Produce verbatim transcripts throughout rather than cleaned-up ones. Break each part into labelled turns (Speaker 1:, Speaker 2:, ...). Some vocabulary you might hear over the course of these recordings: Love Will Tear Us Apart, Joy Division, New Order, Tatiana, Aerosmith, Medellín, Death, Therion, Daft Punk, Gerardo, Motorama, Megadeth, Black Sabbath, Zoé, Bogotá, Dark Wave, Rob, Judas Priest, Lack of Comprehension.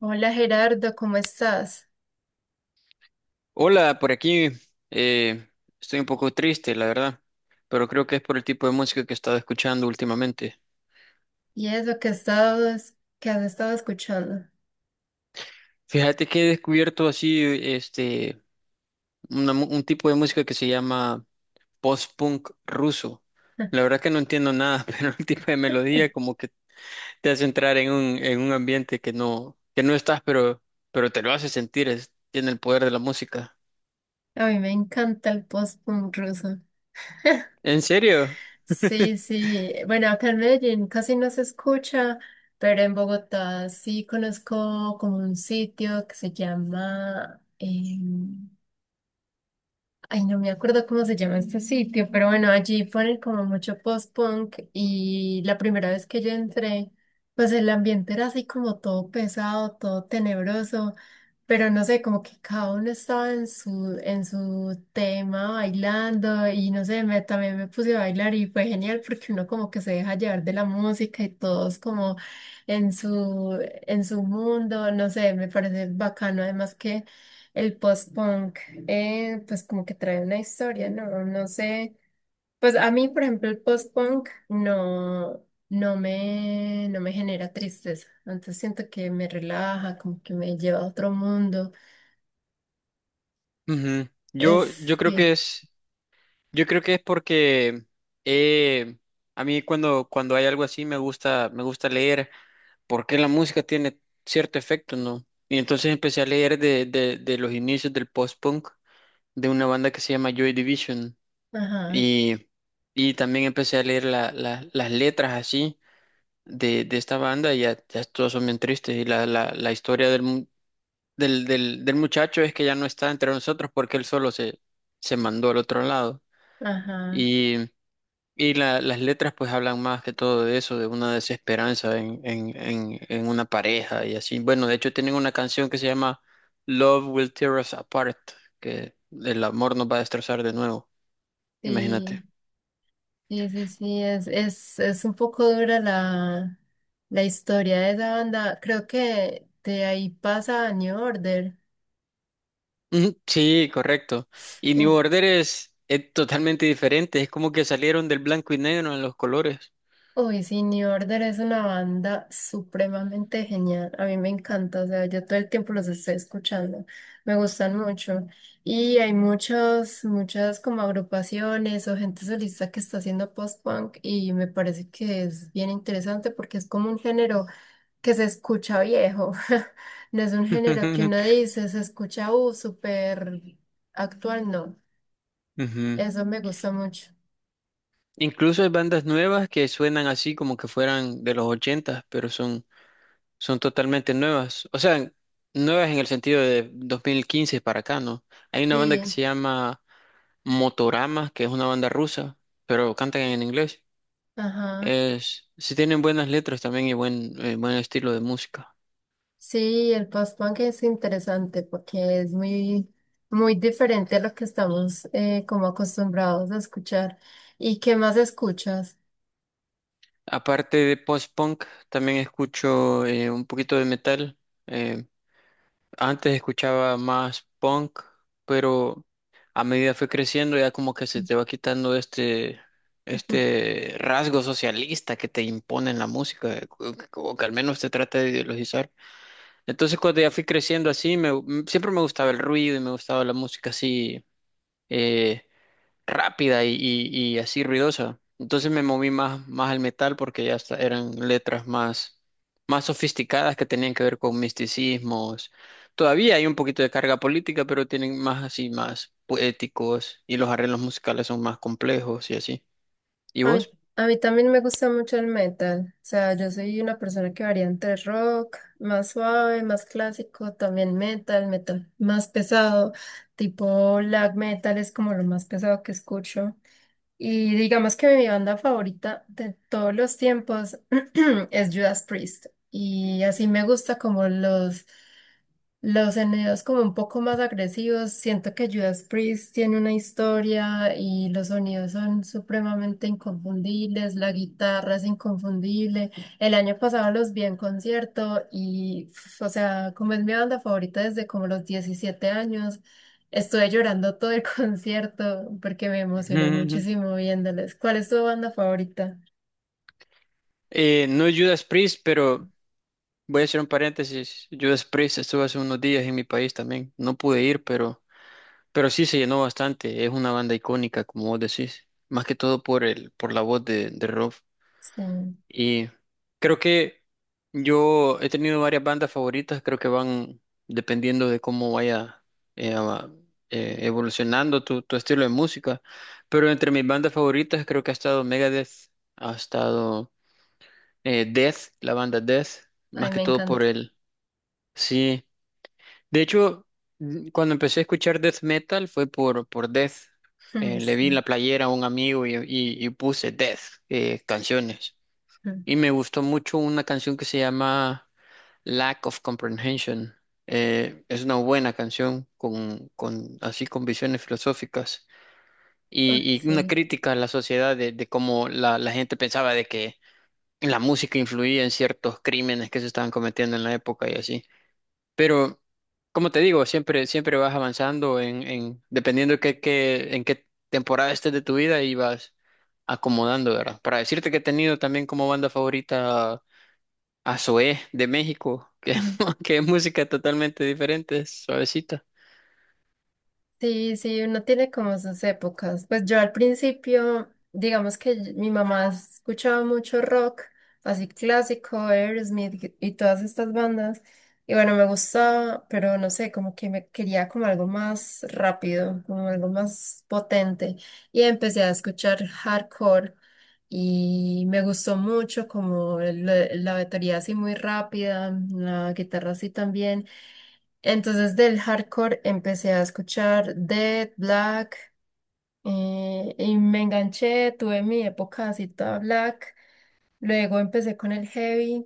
Speaker 1: Hola Gerardo, ¿cómo estás?
Speaker 2: Hola, por aquí, eh, estoy un poco triste, la verdad, pero creo que es por el tipo de música que he estado escuchando últimamente.
Speaker 1: ¿Y eso que estabas, que has estado escuchando?
Speaker 2: Fíjate que he descubierto así, este, una mu- un tipo de música que se llama post-punk ruso. La verdad que no entiendo nada, pero el tipo de melodía como que te hace entrar en un, en un ambiente que no, que no estás, pero, pero te lo hace sentir, es- tiene el poder de la música.
Speaker 1: A mí me encanta el post-punk ruso.
Speaker 2: ¿En serio?
Speaker 1: Sí, sí. Bueno, acá en Medellín casi no se escucha, pero en Bogotá sí conozco como un sitio que se llama em, ay, no me acuerdo cómo se llama este sitio, pero bueno, allí ponen como mucho post-punk y la primera vez que yo entré, pues el ambiente era así como todo pesado, todo tenebroso, pero no sé, como que cada uno estaba en su, en su tema bailando y no sé, me, también me puse a bailar y fue genial porque uno como que se deja llevar de la música y todos como en su, en su mundo, no sé, me parece bacano además que... El post-punk eh, pues como que trae una historia, ¿no? No sé, pues a mí, por ejemplo, el post-punk no, no me, no me genera tristeza, entonces siento que me relaja, como que me lleva a otro mundo,
Speaker 2: Ujú. Yo,
Speaker 1: es,
Speaker 2: yo creo que
Speaker 1: sí,
Speaker 2: es Yo creo que es porque eh, a mí cuando, cuando hay algo así me gusta, me gusta leer porque la música tiene cierto efecto, ¿no? Y entonces empecé a leer de, de, de los inicios del post-punk de una banda que se llama Joy Division
Speaker 1: ajá,
Speaker 2: y, y también empecé a leer la- la- las letras así de, de esta banda y ya, ya todas son bien tristes y la, la, la historia del, mu- del, del, del muchacho es que ya no está entre nosotros porque él solo se, se mandó al otro lado.
Speaker 1: ajá,
Speaker 2: Y la- las letras pues hablan más que todo de eso, de una desesperanza en, en, en, en una pareja y así. Bueno, de hecho tienen una canción que se llama Love Will Tear Us Apart, que el amor nos va a destrozar de nuevo,
Speaker 1: sí,
Speaker 2: imagínate.
Speaker 1: sí, sí, sí, es, es, es un poco dura la, la historia de esa banda, creo que de ahí pasa a New Order.
Speaker 2: Ujú. Sí, correcto. Y New
Speaker 1: Uf,
Speaker 2: Order es, es totalmente diferente, es como que salieron del blanco y negro en los colores.
Speaker 1: uy, sí, New Order es una banda supremamente genial. A mí me encanta, o sea, yo todo el tiempo los estoy escuchando. Me gustan mucho. Y hay muchas, muchas como agrupaciones o gente solista que está haciendo post-punk y me parece que es bien interesante porque es como un género que se escucha viejo. No es un género que uno dice, se escucha, uh, súper actual, no.
Speaker 2: Ujú.
Speaker 1: Eso me gusta mucho.
Speaker 2: Incluso hay bandas nuevas que suenan así como que fueran de los ochentas, pero son Son totalmente nuevas. O sea, nuevas en el sentido de dos mil quince para acá, ¿no? Hay una banda que
Speaker 1: Sí,
Speaker 2: se llama Motorama, que es una banda rusa, pero cantan en inglés.
Speaker 1: ajá.
Speaker 2: Es, sí tienen buenas letras también y buen, eh, buen estilo de música.
Speaker 1: Sí, el post-punk es interesante porque es muy, muy diferente a lo que estamos eh, como acostumbrados a escuchar. ¿Y qué más escuchas?
Speaker 2: Aparte de post-punk, también escucho eh, un poquito de metal. Eh, Antes escuchaba más punk, pero a medida fue creciendo ya como que se te va quitando este, este rasgo socialista que te impone en la música, o que o que al menos te trata de ideologizar. Entonces cuando ya fui creciendo así, me, siempre me gustaba el ruido y me gustaba la música así, eh, rápida y, y- y así ruidosa. Entonces me moví más, más al metal porque ya hasta eran letras más, más sofisticadas que tenían que ver con misticismos. Todavía hay un poquito de carga política, pero tienen más así, más poéticos y los arreglos musicales son más complejos y así. ¿Y
Speaker 1: A mí,
Speaker 2: vos?
Speaker 1: a mí también me gusta mucho el metal. O sea, yo soy una persona que varía entre rock, más suave, más clásico, también metal, metal más pesado, tipo black metal es como lo más pesado que escucho. Y digamos que mi banda favorita de todos los tiempos es Judas Priest. Y así me gusta como los los sonidos como un poco más agresivos, siento que Judas Priest tiene una historia y los sonidos son supremamente inconfundibles, la guitarra es inconfundible. El año pasado los vi en concierto y, pf, o sea, como es mi banda favorita desde como los diecisiete años, estuve llorando todo el concierto porque me
Speaker 2: Ujú,
Speaker 1: emocioné
Speaker 2: ujú.
Speaker 1: muchísimo viéndoles. ¿Cuál es tu banda favorita?
Speaker 2: Eh, no es Judas Priest, pero voy a hacer un paréntesis. Judas Priest estuvo hace unos días en mi país también. No pude ir, pero... Pero sí se llenó bastante, es una banda icónica, como vos decís, más que todo por el, por la voz de, de Rob.
Speaker 1: Sí,
Speaker 2: Y creo que yo he tenido varias bandas favoritas, creo que van dependiendo de cómo vaya eh, a- eh, evolucionando tu, tu estilo de música. Pero entre mis bandas favoritas creo que ha estado Megadeth, ha estado eh, Death, la banda Death, más
Speaker 1: ay,
Speaker 2: que
Speaker 1: me
Speaker 2: todo por
Speaker 1: encanta.
Speaker 2: el, sí. De hecho, mm, cuando empecé a escuchar death metal fue por, por Death. Eh, le vi en
Speaker 1: Sí,
Speaker 2: la playera a un amigo y, y- y puse Death, eh, canciones. Y me gustó mucho una canción que se llama Lack of Comprehension. Eh, es una buena canción con, con así con visiones filosóficas
Speaker 1: ah,
Speaker 2: y, y una
Speaker 1: sí.
Speaker 2: crítica a la sociedad de, de cómo la, la gente pensaba de que la música influía en ciertos crímenes que se estaban cometiendo en la época y así. Pero, como te digo, siempre, siempre vas avanzando en, en, dependiendo de qué, qué- en qué temporada estés de tu vida y vas acomodando, ¿verdad? Para decirte que he tenido también como banda favorita a Zoé de México, que, que es música totalmente diferente, es suavecita.
Speaker 1: Sí, sí, uno tiene como sus épocas. Pues yo al principio, digamos que y- mi mamá escuchaba mucho rock, así clásico, Aerosmith y todas estas bandas. Y bueno, me gustaba, pero no sé, como que me quería como algo más rápido, como algo más potente. Y empecé a escuchar hardcore y me gustó mucho como el- la batería así muy rápida, la guitarra así también. Entonces del hardcore empecé a escuchar Dead, Black, eh, y me enganché, tuve mi época así toda Black, luego empecé con el heavy,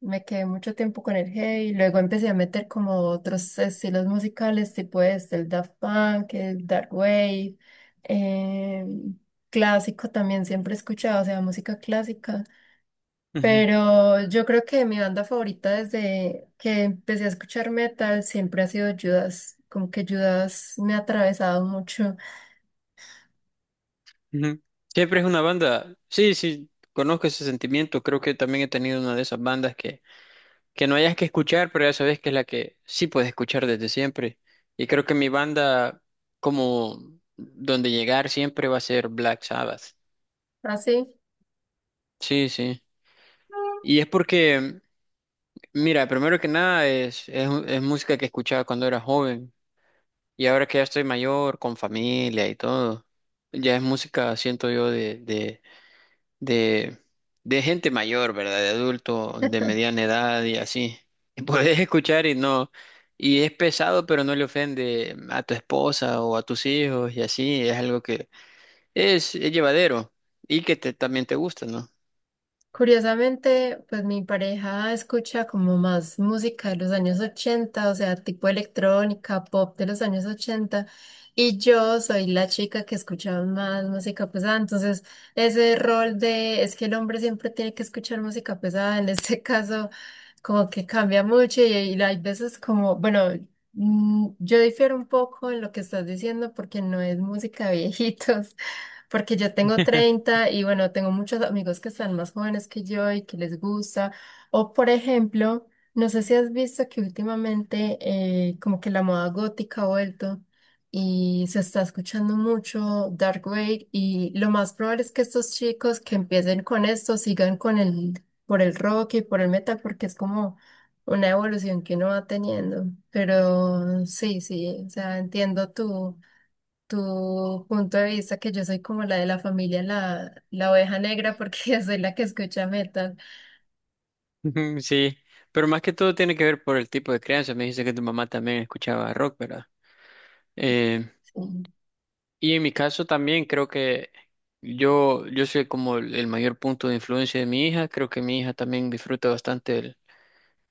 Speaker 1: me quedé mucho tiempo con el heavy, luego empecé a meter como otros estilos musicales, tipo este, el Daft Punk, el Dark Wave, eh, clásico también siempre he escuchado, o sea, música clásica.
Speaker 2: Ujú,
Speaker 1: Pero yo creo que mi banda favorita desde que empecé a escuchar metal siempre ha sido Judas. Como que Judas me ha atravesado mucho.
Speaker 2: ujú. Siempre es una banda, sí, sí, conozco ese sentimiento, creo que también he tenido una de esas bandas que no hayas que escuchar, pero ya sabes que es la que sí puedes escuchar desde siempre. Y creo que mi banda, como donde llegar siempre va a ser Black Sabbath.
Speaker 1: Así.
Speaker 2: Sí, sí. Y es porque, mira, primero que nada es, es, es música que escuchaba cuando era joven. Y ahora que ya estoy mayor, con familia y todo, ya es música, siento yo, de, de de, de gente mayor, ¿verdad? De adulto, de mediana edad y así. Y puedes escuchar y no, y es pesado, pero no le ofende a tu esposa o a tus hijos y así. Es algo que es, es llevadero y que te, también te gusta, ¿no?
Speaker 1: Curiosamente, pues mi pareja escucha como más música de los años ochenta, o sea, tipo electrónica, pop de los años ochenta, y yo soy la chica que escucha más música pesada, entonces ese rol de es que el hombre siempre tiene que escuchar música pesada, en este caso como que cambia mucho y, y hay veces como, bueno, mm, yo difiero un poco en lo que estás diciendo porque no es música de viejitos porque yo tengo treinta y bueno, tengo muchos amigos que están más jóvenes que yo y que les gusta. O por ejemplo, no sé si has visto que últimamente eh, como que la moda gótica ha vuelto y se está escuchando mucho Dark Wave y lo más probable es que estos chicos que empiecen con esto sigan con el, por el rock y por el metal porque es como una evolución que uno va teniendo. Pero sí, sí, o sea, entiendo tú tu punto de vista que yo soy como la de la familia, la, la oveja negra, porque yo soy la que escucha metal.
Speaker 2: Ujú. Sí, pero más que todo tiene que ver por el tipo de crianza. Me dice que tu mamá también escuchaba rock, ¿verdad? Eh,
Speaker 1: Sí.
Speaker 2: y en mi caso también creo que yo, yo soy como el el mayor punto de influencia de mi hija. Creo que mi hija también disfruta bastante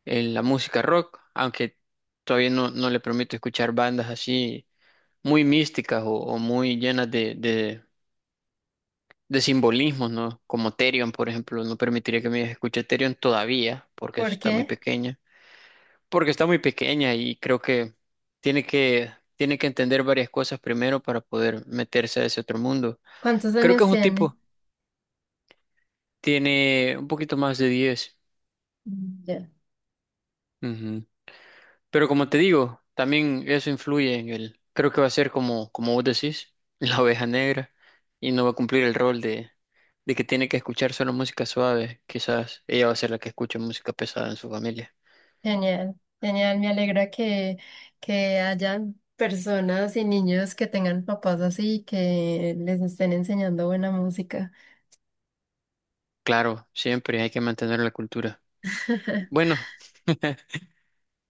Speaker 2: en la música rock, aunque todavía no, no le permito escuchar bandas así muy místicas o, o muy llenas de, de, de simbolismos, ¿no? Como Therion, por ejemplo, no permitiría que mi hija escuche Therion todavía, porque eso
Speaker 1: ¿Por
Speaker 2: está muy
Speaker 1: qué?
Speaker 2: pequeña, porque está muy pequeña y creo que tiene que, tiene que entender varias cosas primero para poder meterse a ese otro mundo.
Speaker 1: ¿Cuántos
Speaker 2: Creo que
Speaker 1: años
Speaker 2: es un
Speaker 1: tiene?
Speaker 2: tipo, tiene un poquito más de diez.
Speaker 1: Mm, ya.
Speaker 2: Pero como te digo, también eso influye en el, creo que va a ser como, como vos decís, la oveja negra y no va a cumplir el rol de, de que tiene que escuchar solo música suave. Quizás ella va a ser la que escuche música pesada en su familia.
Speaker 1: Genial, genial. Me alegra que, que hayan personas y niños que tengan papás así y que les estén enseñando buena música.
Speaker 2: Claro, siempre hay que mantener la cultura. Bueno,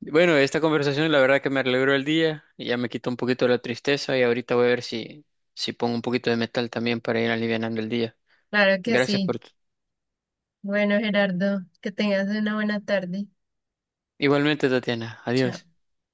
Speaker 2: bueno, esta conversación la verdad que me alegró el día, y ya me quitó un poquito la tristeza y ahorita voy a ver si, si pongo un poquito de metal también para ir alivianando el día.
Speaker 1: Claro que
Speaker 2: Gracias
Speaker 1: sí.
Speaker 2: por... tu...
Speaker 1: Bueno, Gerardo, que tengas una buena tarde.
Speaker 2: Igualmente, Tatiana.
Speaker 1: Chao.
Speaker 2: Adiós.